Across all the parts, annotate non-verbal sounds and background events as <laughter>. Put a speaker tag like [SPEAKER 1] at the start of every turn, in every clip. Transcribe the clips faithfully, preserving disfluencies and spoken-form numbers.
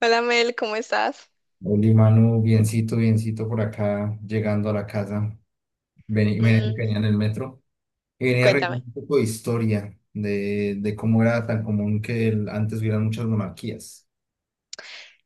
[SPEAKER 1] Hola Mel, ¿cómo estás?
[SPEAKER 2] Oli, Manu, biencito, biencito por acá, llegando a la casa. Vení- Venía, venía
[SPEAKER 1] Mm,
[SPEAKER 2] en el metro y venía revisando
[SPEAKER 1] cuéntame.
[SPEAKER 2] un poco de historia de, de cómo era tan común que el- antes hubieran muchas monarquías.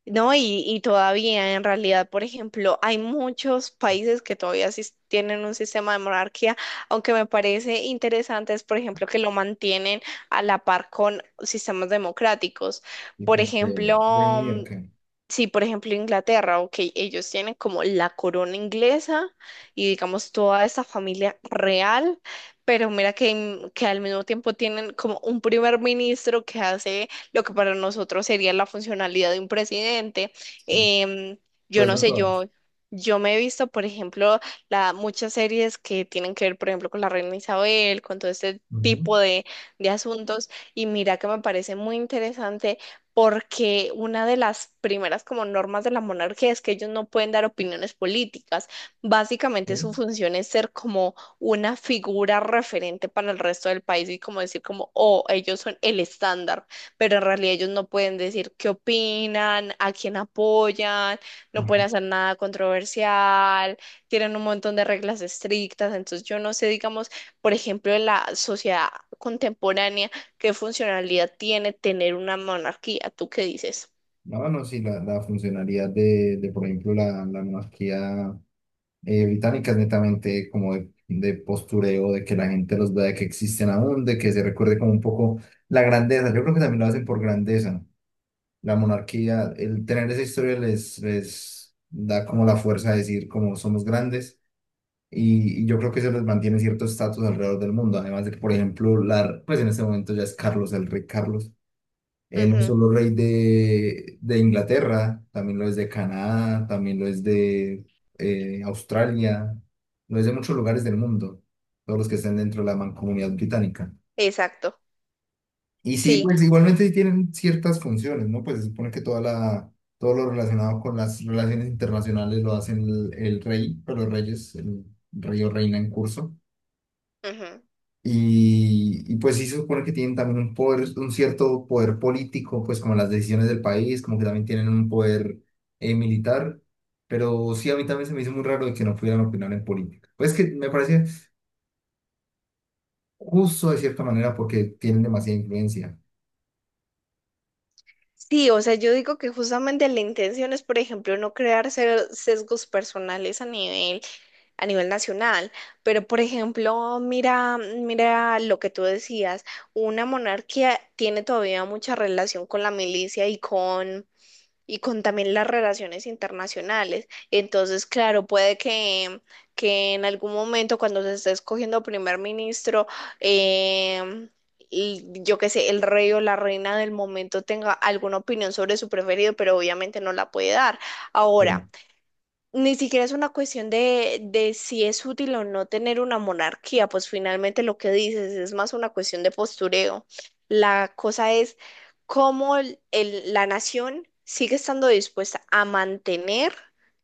[SPEAKER 1] No, y, y todavía en realidad, por ejemplo, hay muchos países que todavía sis- tienen un sistema de monarquía, aunque me parece interesante es, por ejemplo, que lo mantienen a la par con sistemas democráticos.
[SPEAKER 2] Y
[SPEAKER 1] Por
[SPEAKER 2] como que,
[SPEAKER 1] ejemplo,
[SPEAKER 2] venía
[SPEAKER 1] mm,
[SPEAKER 2] acá.
[SPEAKER 1] sí, por ejemplo, Inglaterra, ok, ellos tienen como la corona inglesa y digamos toda esa familia real, pero mira que, en- que al mismo tiempo tienen como un primer ministro que hace lo que para nosotros sería la funcionalidad de un presidente. Em, yo
[SPEAKER 2] Pues
[SPEAKER 1] no
[SPEAKER 2] no
[SPEAKER 1] sé,
[SPEAKER 2] todas.
[SPEAKER 1] yo, yo me he visto, por ejemplo, la, muchas series que tienen que ver, por ejemplo, con la reina Isabel, con todo este
[SPEAKER 2] Ujú,
[SPEAKER 1] tipo de, de asuntos, y mira que me parece muy interesante porque una de las primeras como normas de la monarquía es que ellos no pueden dar opiniones políticas. Básicamente su
[SPEAKER 2] sí.
[SPEAKER 1] función es ser como una figura referente para el resto del país y como decir como, oh, ellos son el estándar, pero en realidad ellos no pueden decir qué opinan, a quién apoyan, no
[SPEAKER 2] Ajá.
[SPEAKER 1] pueden hacer nada controversial, tienen un montón de reglas estrictas, entonces yo no sé, digamos, por ejemplo, en la sociedad contemporánea, ¿qué funcionalidad tiene tener una monarquía? ¿Tú qué dices?
[SPEAKER 2] No, no, sí, la, la funcionalidad de, de, por ejemplo, la, la monarquía, eh, británicas, netamente como de, de postureo, de que la gente los vea, de que existen aún, de que se recuerde como un poco la grandeza. Yo creo que también lo hacen por grandeza. La monarquía, el tener esa historia les, les da como la fuerza de decir como somos grandes. Y, y yo creo que eso les mantiene cierto estatus alrededor del mundo. Además de que, por ejemplo, la, pues en este momento ya es Carlos, el rey Carlos, eh, no
[SPEAKER 1] Ujú,
[SPEAKER 2] solo rey de, de Inglaterra, también lo es de Canadá, también lo es de eh, Australia, lo es de muchos lugares del mundo, todos los que estén dentro de la mancomunidad británica.
[SPEAKER 1] exacto,
[SPEAKER 2] Y sí,
[SPEAKER 1] sí.
[SPEAKER 2] pues igualmente sí tienen ciertas funciones, ¿no? Pues se supone que toda la, todo lo relacionado con las relaciones internacionales lo hacen el, el rey, pero los reyes, el rey o reina en curso.
[SPEAKER 1] Ujú.
[SPEAKER 2] Y, y pues sí se supone que tienen también un poder, un cierto poder político, pues como las decisiones del país, como que también tienen un poder eh, militar, pero sí a mí también se me hizo muy raro de que no pudieran opinar en política. Pues que me parece justo de cierta manera porque tienen demasiada influencia.
[SPEAKER 1] Sí, o sea, yo digo que justamente la intención es, por ejemplo, no crear se- sesgos personales a nivel, a nivel nacional, pero por ejemplo, mira, mira lo que tú decías, una monarquía tiene todavía mucha relación con la milicia y con y con también las relaciones internacionales. Entonces, claro, puede que, que en algún momento cuando se esté escogiendo primer ministro, em, y yo qué sé, el rey o la reina del momento tenga alguna opinión sobre su preferido, pero obviamente no la puede dar. Ahora,
[SPEAKER 2] Sí.
[SPEAKER 1] ni siquiera es una cuestión de, de si es útil o no tener una monarquía, pues finalmente lo que dices es más una cuestión de postureo. La cosa es cómo el- el- la nación sigue estando dispuesta a mantener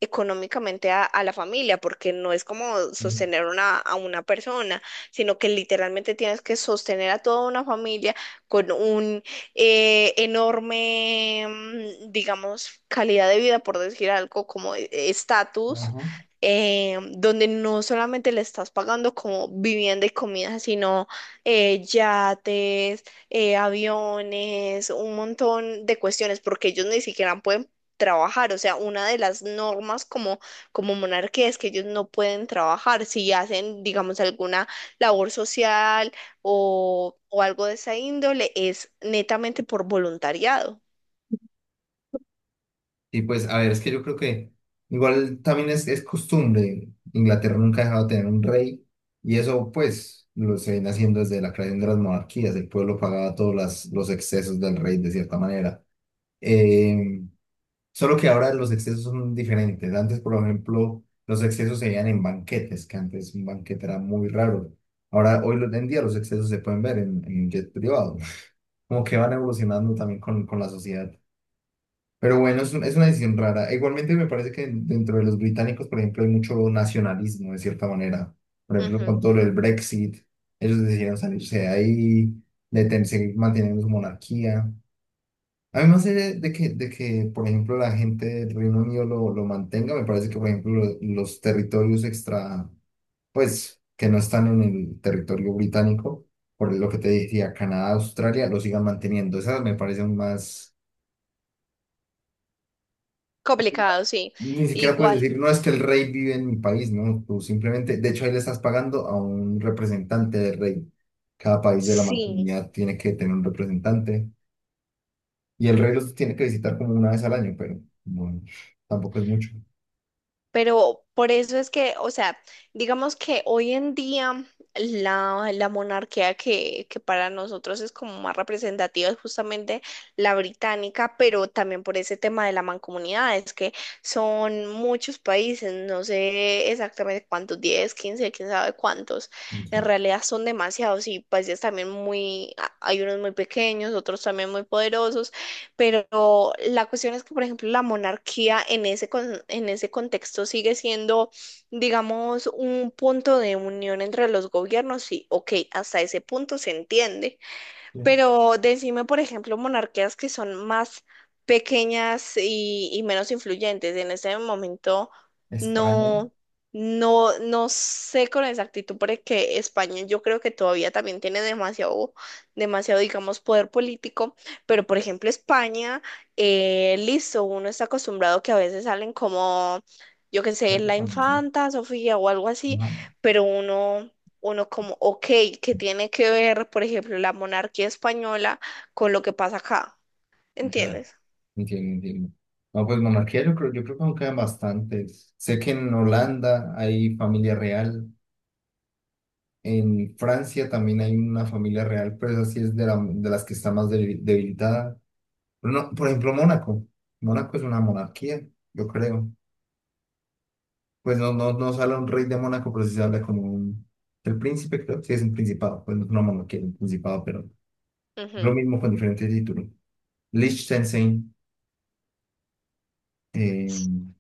[SPEAKER 1] económicamente a, a la familia, porque no es como sostener una, a una persona, sino que literalmente tienes que sostener a toda una familia con un eh, enorme, mm, digamos, calidad de vida, por decir algo, como eh, estatus,
[SPEAKER 2] Ajá.
[SPEAKER 1] eh, donde no solamente le estás pagando como vivienda y comida, sino eh, yates, eh, aviones, un montón de cuestiones, porque ellos ni siquiera pueden trabajar, o sea, una de las normas como, como monarquía es que ellos no pueden trabajar. Si hacen, digamos, alguna labor social, o, o algo de esa índole es netamente por voluntariado.
[SPEAKER 2] Y pues, a ver, es que yo creo que igual también es, es costumbre. Inglaterra nunca ha dejado de tener un rey y eso pues lo se viene haciendo desde la creación de las monarquías. El pueblo pagaba todos las- los excesos del rey de cierta manera. Eh, solo que ahora los excesos son diferentes. Antes, por ejemplo, los excesos se veían en banquetes, que antes un banquete era muy raro. Ahora, hoy en día los excesos se pueden ver en, en jet privado. <laughs> Como que van evolucionando también con, con la sociedad. Pero bueno, es, un- es una decisión rara. Igualmente me parece que dentro de los británicos, por ejemplo, hay mucho nacionalismo de cierta manera. Por ejemplo, con
[SPEAKER 1] Ujú.
[SPEAKER 2] todo lo del Brexit, ellos decidieron salirse de ahí, de ten- seguir manteniendo su monarquía. A mí me hace de de que, de que, por ejemplo, la gente del Reino Unido lo, lo mantenga. Me parece que, por ejemplo, lo- los territorios extra, pues, que no están en el territorio británico, por lo que te decía, Canadá, Australia, lo sigan manteniendo. Esa me parece aún más...
[SPEAKER 1] Complicado, sí.
[SPEAKER 2] Ni siquiera puedes
[SPEAKER 1] Igual.
[SPEAKER 2] decir, no es que el rey vive en mi país, no, tú simplemente, de hecho ahí le estás pagando a un representante del rey. Cada país de la
[SPEAKER 1] Sí.
[SPEAKER 2] mancomunidad tiene que tener un representante y el rey los tiene que visitar como una vez al año, pero no, tampoco es mucho.
[SPEAKER 1] Pero por eso es que, o sea, digamos que hoy en día la, la monarquía que, que para nosotros es como más representativa es justamente la británica, pero también por ese tema de la mancomunidad, es que son muchos países, no sé exactamente cuántos, diez, quince, quién sabe cuántos,
[SPEAKER 2] O
[SPEAKER 1] en
[SPEAKER 2] sea,
[SPEAKER 1] realidad son demasiados y países también muy, a- hay unos muy pequeños, otros también muy poderosos, pero la cuestión es que, por ejemplo, la monarquía en ese, con- en ese contexto sigue siendo, digamos, un punto de unión entre los gobiernos. Sí, ok, hasta ese punto se entiende,
[SPEAKER 2] que
[SPEAKER 1] pero decime, por ejemplo, monarquías que son más pequeñas y, y menos influyentes. En ese momento
[SPEAKER 2] España,
[SPEAKER 1] no, no, no sé con exactitud porque España yo creo que todavía también tiene demasiado, demasiado, digamos, poder político. Pero, por ejemplo, España, eh, listo, uno está acostumbrado que a veces salen como, yo qué sé,
[SPEAKER 2] pero
[SPEAKER 1] la
[SPEAKER 2] cuando sí,
[SPEAKER 1] infanta Sofía o algo así,
[SPEAKER 2] no,
[SPEAKER 1] pero uno uno como, ok, ¿qué tiene que ver, por ejemplo, la monarquía española con lo que pasa acá?
[SPEAKER 2] ya,
[SPEAKER 1] ¿Entiendes?
[SPEAKER 2] entiendo, entiendo. No, pues monarquía yo creo, yo creo que aún quedan bastantes. Sé que en Holanda hay familia real. En Francia también hay una familia real, pero esa sí es de, la- de las que está más debil- debilitada. Pero no, por ejemplo, Mónaco. Mónaco es una monarquía, yo creo. Pues no, no, no sale un rey de Mónaco, pero sí se habla como un... El príncipe, creo, sí es un principado. Pues no es una monarquía, es un principado, pero lo
[SPEAKER 1] Ujú.
[SPEAKER 2] mismo con diferentes títulos. Liechtenstein, eh,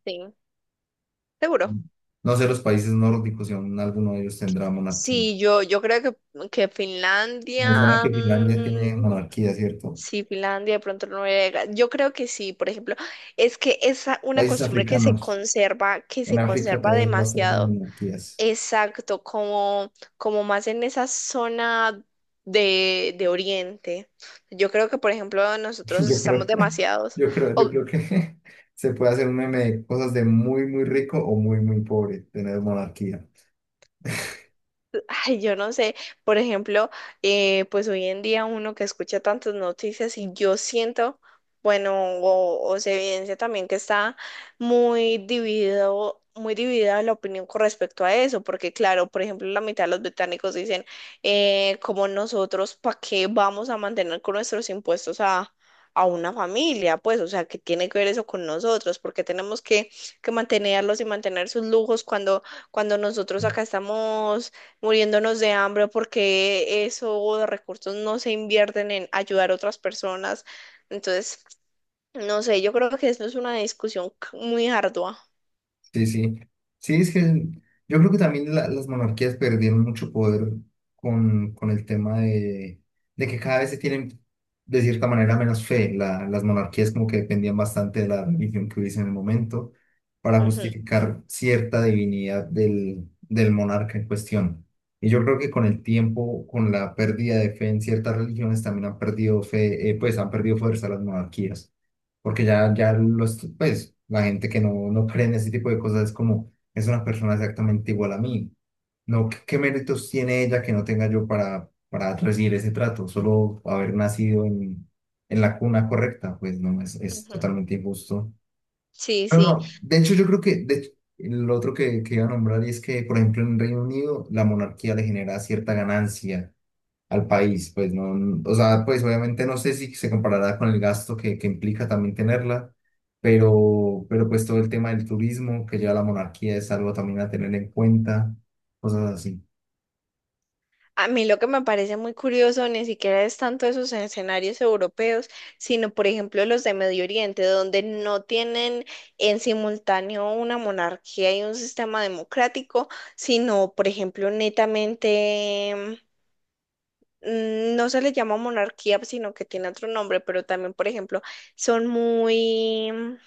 [SPEAKER 1] Sí, seguro.
[SPEAKER 2] no sé, los países nórdicos, si aún alguno de ellos tendrá monarquía.
[SPEAKER 1] Sí, yo, yo creo que, que
[SPEAKER 2] Me suena
[SPEAKER 1] Finlandia,
[SPEAKER 2] que Finlandia tiene
[SPEAKER 1] mm,
[SPEAKER 2] monarquía, ¿cierto?
[SPEAKER 1] sí, Finlandia, de pronto Noruega, yo creo que sí, por ejemplo, es que es una
[SPEAKER 2] Países
[SPEAKER 1] costumbre que se
[SPEAKER 2] africanos.
[SPEAKER 1] conserva, que
[SPEAKER 2] En
[SPEAKER 1] se
[SPEAKER 2] África
[SPEAKER 1] conserva
[SPEAKER 2] todavía hay bastantes
[SPEAKER 1] demasiado.
[SPEAKER 2] monarquías.
[SPEAKER 1] Exacto, como, como más en esa zona de, de Oriente. Yo creo que, por ejemplo, nosotros
[SPEAKER 2] <laughs> Yo
[SPEAKER 1] estamos
[SPEAKER 2] creo,
[SPEAKER 1] demasiados,
[SPEAKER 2] yo creo, yo
[SPEAKER 1] o
[SPEAKER 2] creo que <laughs> se puede hacer un meme de cosas de muy, muy rico o muy, muy pobre, tener monarquía.
[SPEAKER 1] <laughs> ay, yo no sé, por ejemplo, eh, pues hoy en día uno que escucha tantas noticias y yo siento, bueno, o, o se evidencia también que está muy dividido, muy dividida la opinión con respecto a eso, porque claro, por ejemplo, la mitad de los británicos dicen, eh, como nosotros, ¿para qué vamos a mantener con nuestros impuestos a, a una familia? Pues, o sea, ¿qué tiene que ver eso con nosotros? Porque tenemos que, que mantenerlos y mantener sus lujos cuando, cuando nosotros acá estamos muriéndonos de hambre porque esos recursos no se invierten en ayudar a otras personas. Entonces, no sé, yo creo que esto es una discusión c- muy ardua.
[SPEAKER 2] Sí, sí. Sí, es que yo creo que también la- las monarquías perdieron mucho poder con, con el tema de, de que cada vez se tienen, de cierta manera, menos fe. La- las monarquías como que dependían bastante de la religión que hubiese en el momento para
[SPEAKER 1] Ujú,
[SPEAKER 2] justificar cierta divinidad del, del monarca en cuestión. Y yo creo que con el tiempo, con la pérdida de fe en ciertas religiones, también han perdido fe, eh, pues han perdido fuerza las monarquías porque ya, ya los, pues, la gente que no, no cree en ese tipo de cosas es como, es una persona exactamente igual a mí. No, ¿qué, qué méritos tiene ella que no tenga yo para, para recibir ese trato? Solo haber nacido en, en la cuna correcta, pues no, es, es
[SPEAKER 1] ujú.
[SPEAKER 2] totalmente injusto.
[SPEAKER 1] Sí,
[SPEAKER 2] Pero
[SPEAKER 1] sí.
[SPEAKER 2] no, de hecho yo creo que de hecho, el otro que, que iba a nombrar es que, por ejemplo, en Reino Unido la monarquía le genera cierta ganancia al país, pues no, o sea, pues obviamente no sé si se comparará con el gasto que, que implica también tenerla, pero, pero pues todo el tema del turismo que lleva la monarquía es algo también a tener en cuenta, cosas así.
[SPEAKER 1] A mí lo que me parece muy curioso ni siquiera es tanto esos escenarios europeos, sino por ejemplo los de Medio Oriente, donde no tienen en simultáneo una monarquía y un sistema democrático, sino por ejemplo netamente mm, no se le llama monarquía, sino que tiene otro nombre, pero también, por ejemplo, son muy, mm,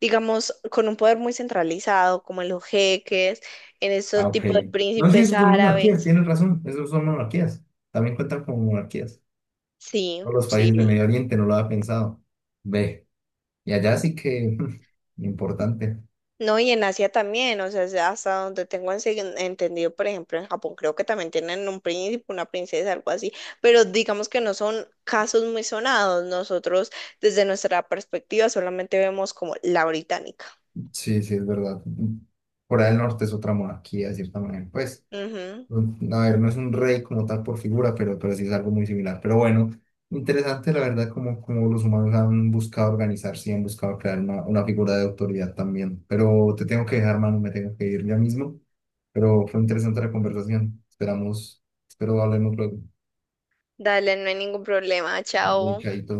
[SPEAKER 1] digamos, con un poder muy centralizado, como en los jeques, en
[SPEAKER 2] Ah,
[SPEAKER 1] esos
[SPEAKER 2] ok.
[SPEAKER 1] tipos de
[SPEAKER 2] No, sí,
[SPEAKER 1] príncipes
[SPEAKER 2] esos son monarquías,
[SPEAKER 1] árabes.
[SPEAKER 2] tienes razón, esos son monarquías, también cuentan como monarquías.
[SPEAKER 1] Sí,
[SPEAKER 2] Todos los países del Medio
[SPEAKER 1] sí.
[SPEAKER 2] Oriente no lo había pensado. Ve, y allá sí que <laughs> importante.
[SPEAKER 1] No, y en Asia también, o sea, es hasta donde tengo ense- entendido, por ejemplo, en Japón creo que también tienen un príncipe, una princesa, algo así, pero digamos que no son casos muy sonados. Nosotros, desde nuestra perspectiva, solamente vemos como la británica.
[SPEAKER 2] Sí, sí, es verdad. Corea del Norte es otra monarquía, de cierta manera, pues un- a ver, no es un rey como tal por figura, pero, pero sí es algo muy similar. Pero bueno, interesante la verdad como, como los humanos han buscado organizarse y han buscado crear una, una figura de autoridad también. Pero te tengo que dejar, mano, me tengo que ir ya mismo. Pero fue interesante la conversación. Esperamos, espero hablemos luego.
[SPEAKER 1] Dale, no hay ningún problema.
[SPEAKER 2] Dale,
[SPEAKER 1] Chao.
[SPEAKER 2] chaito.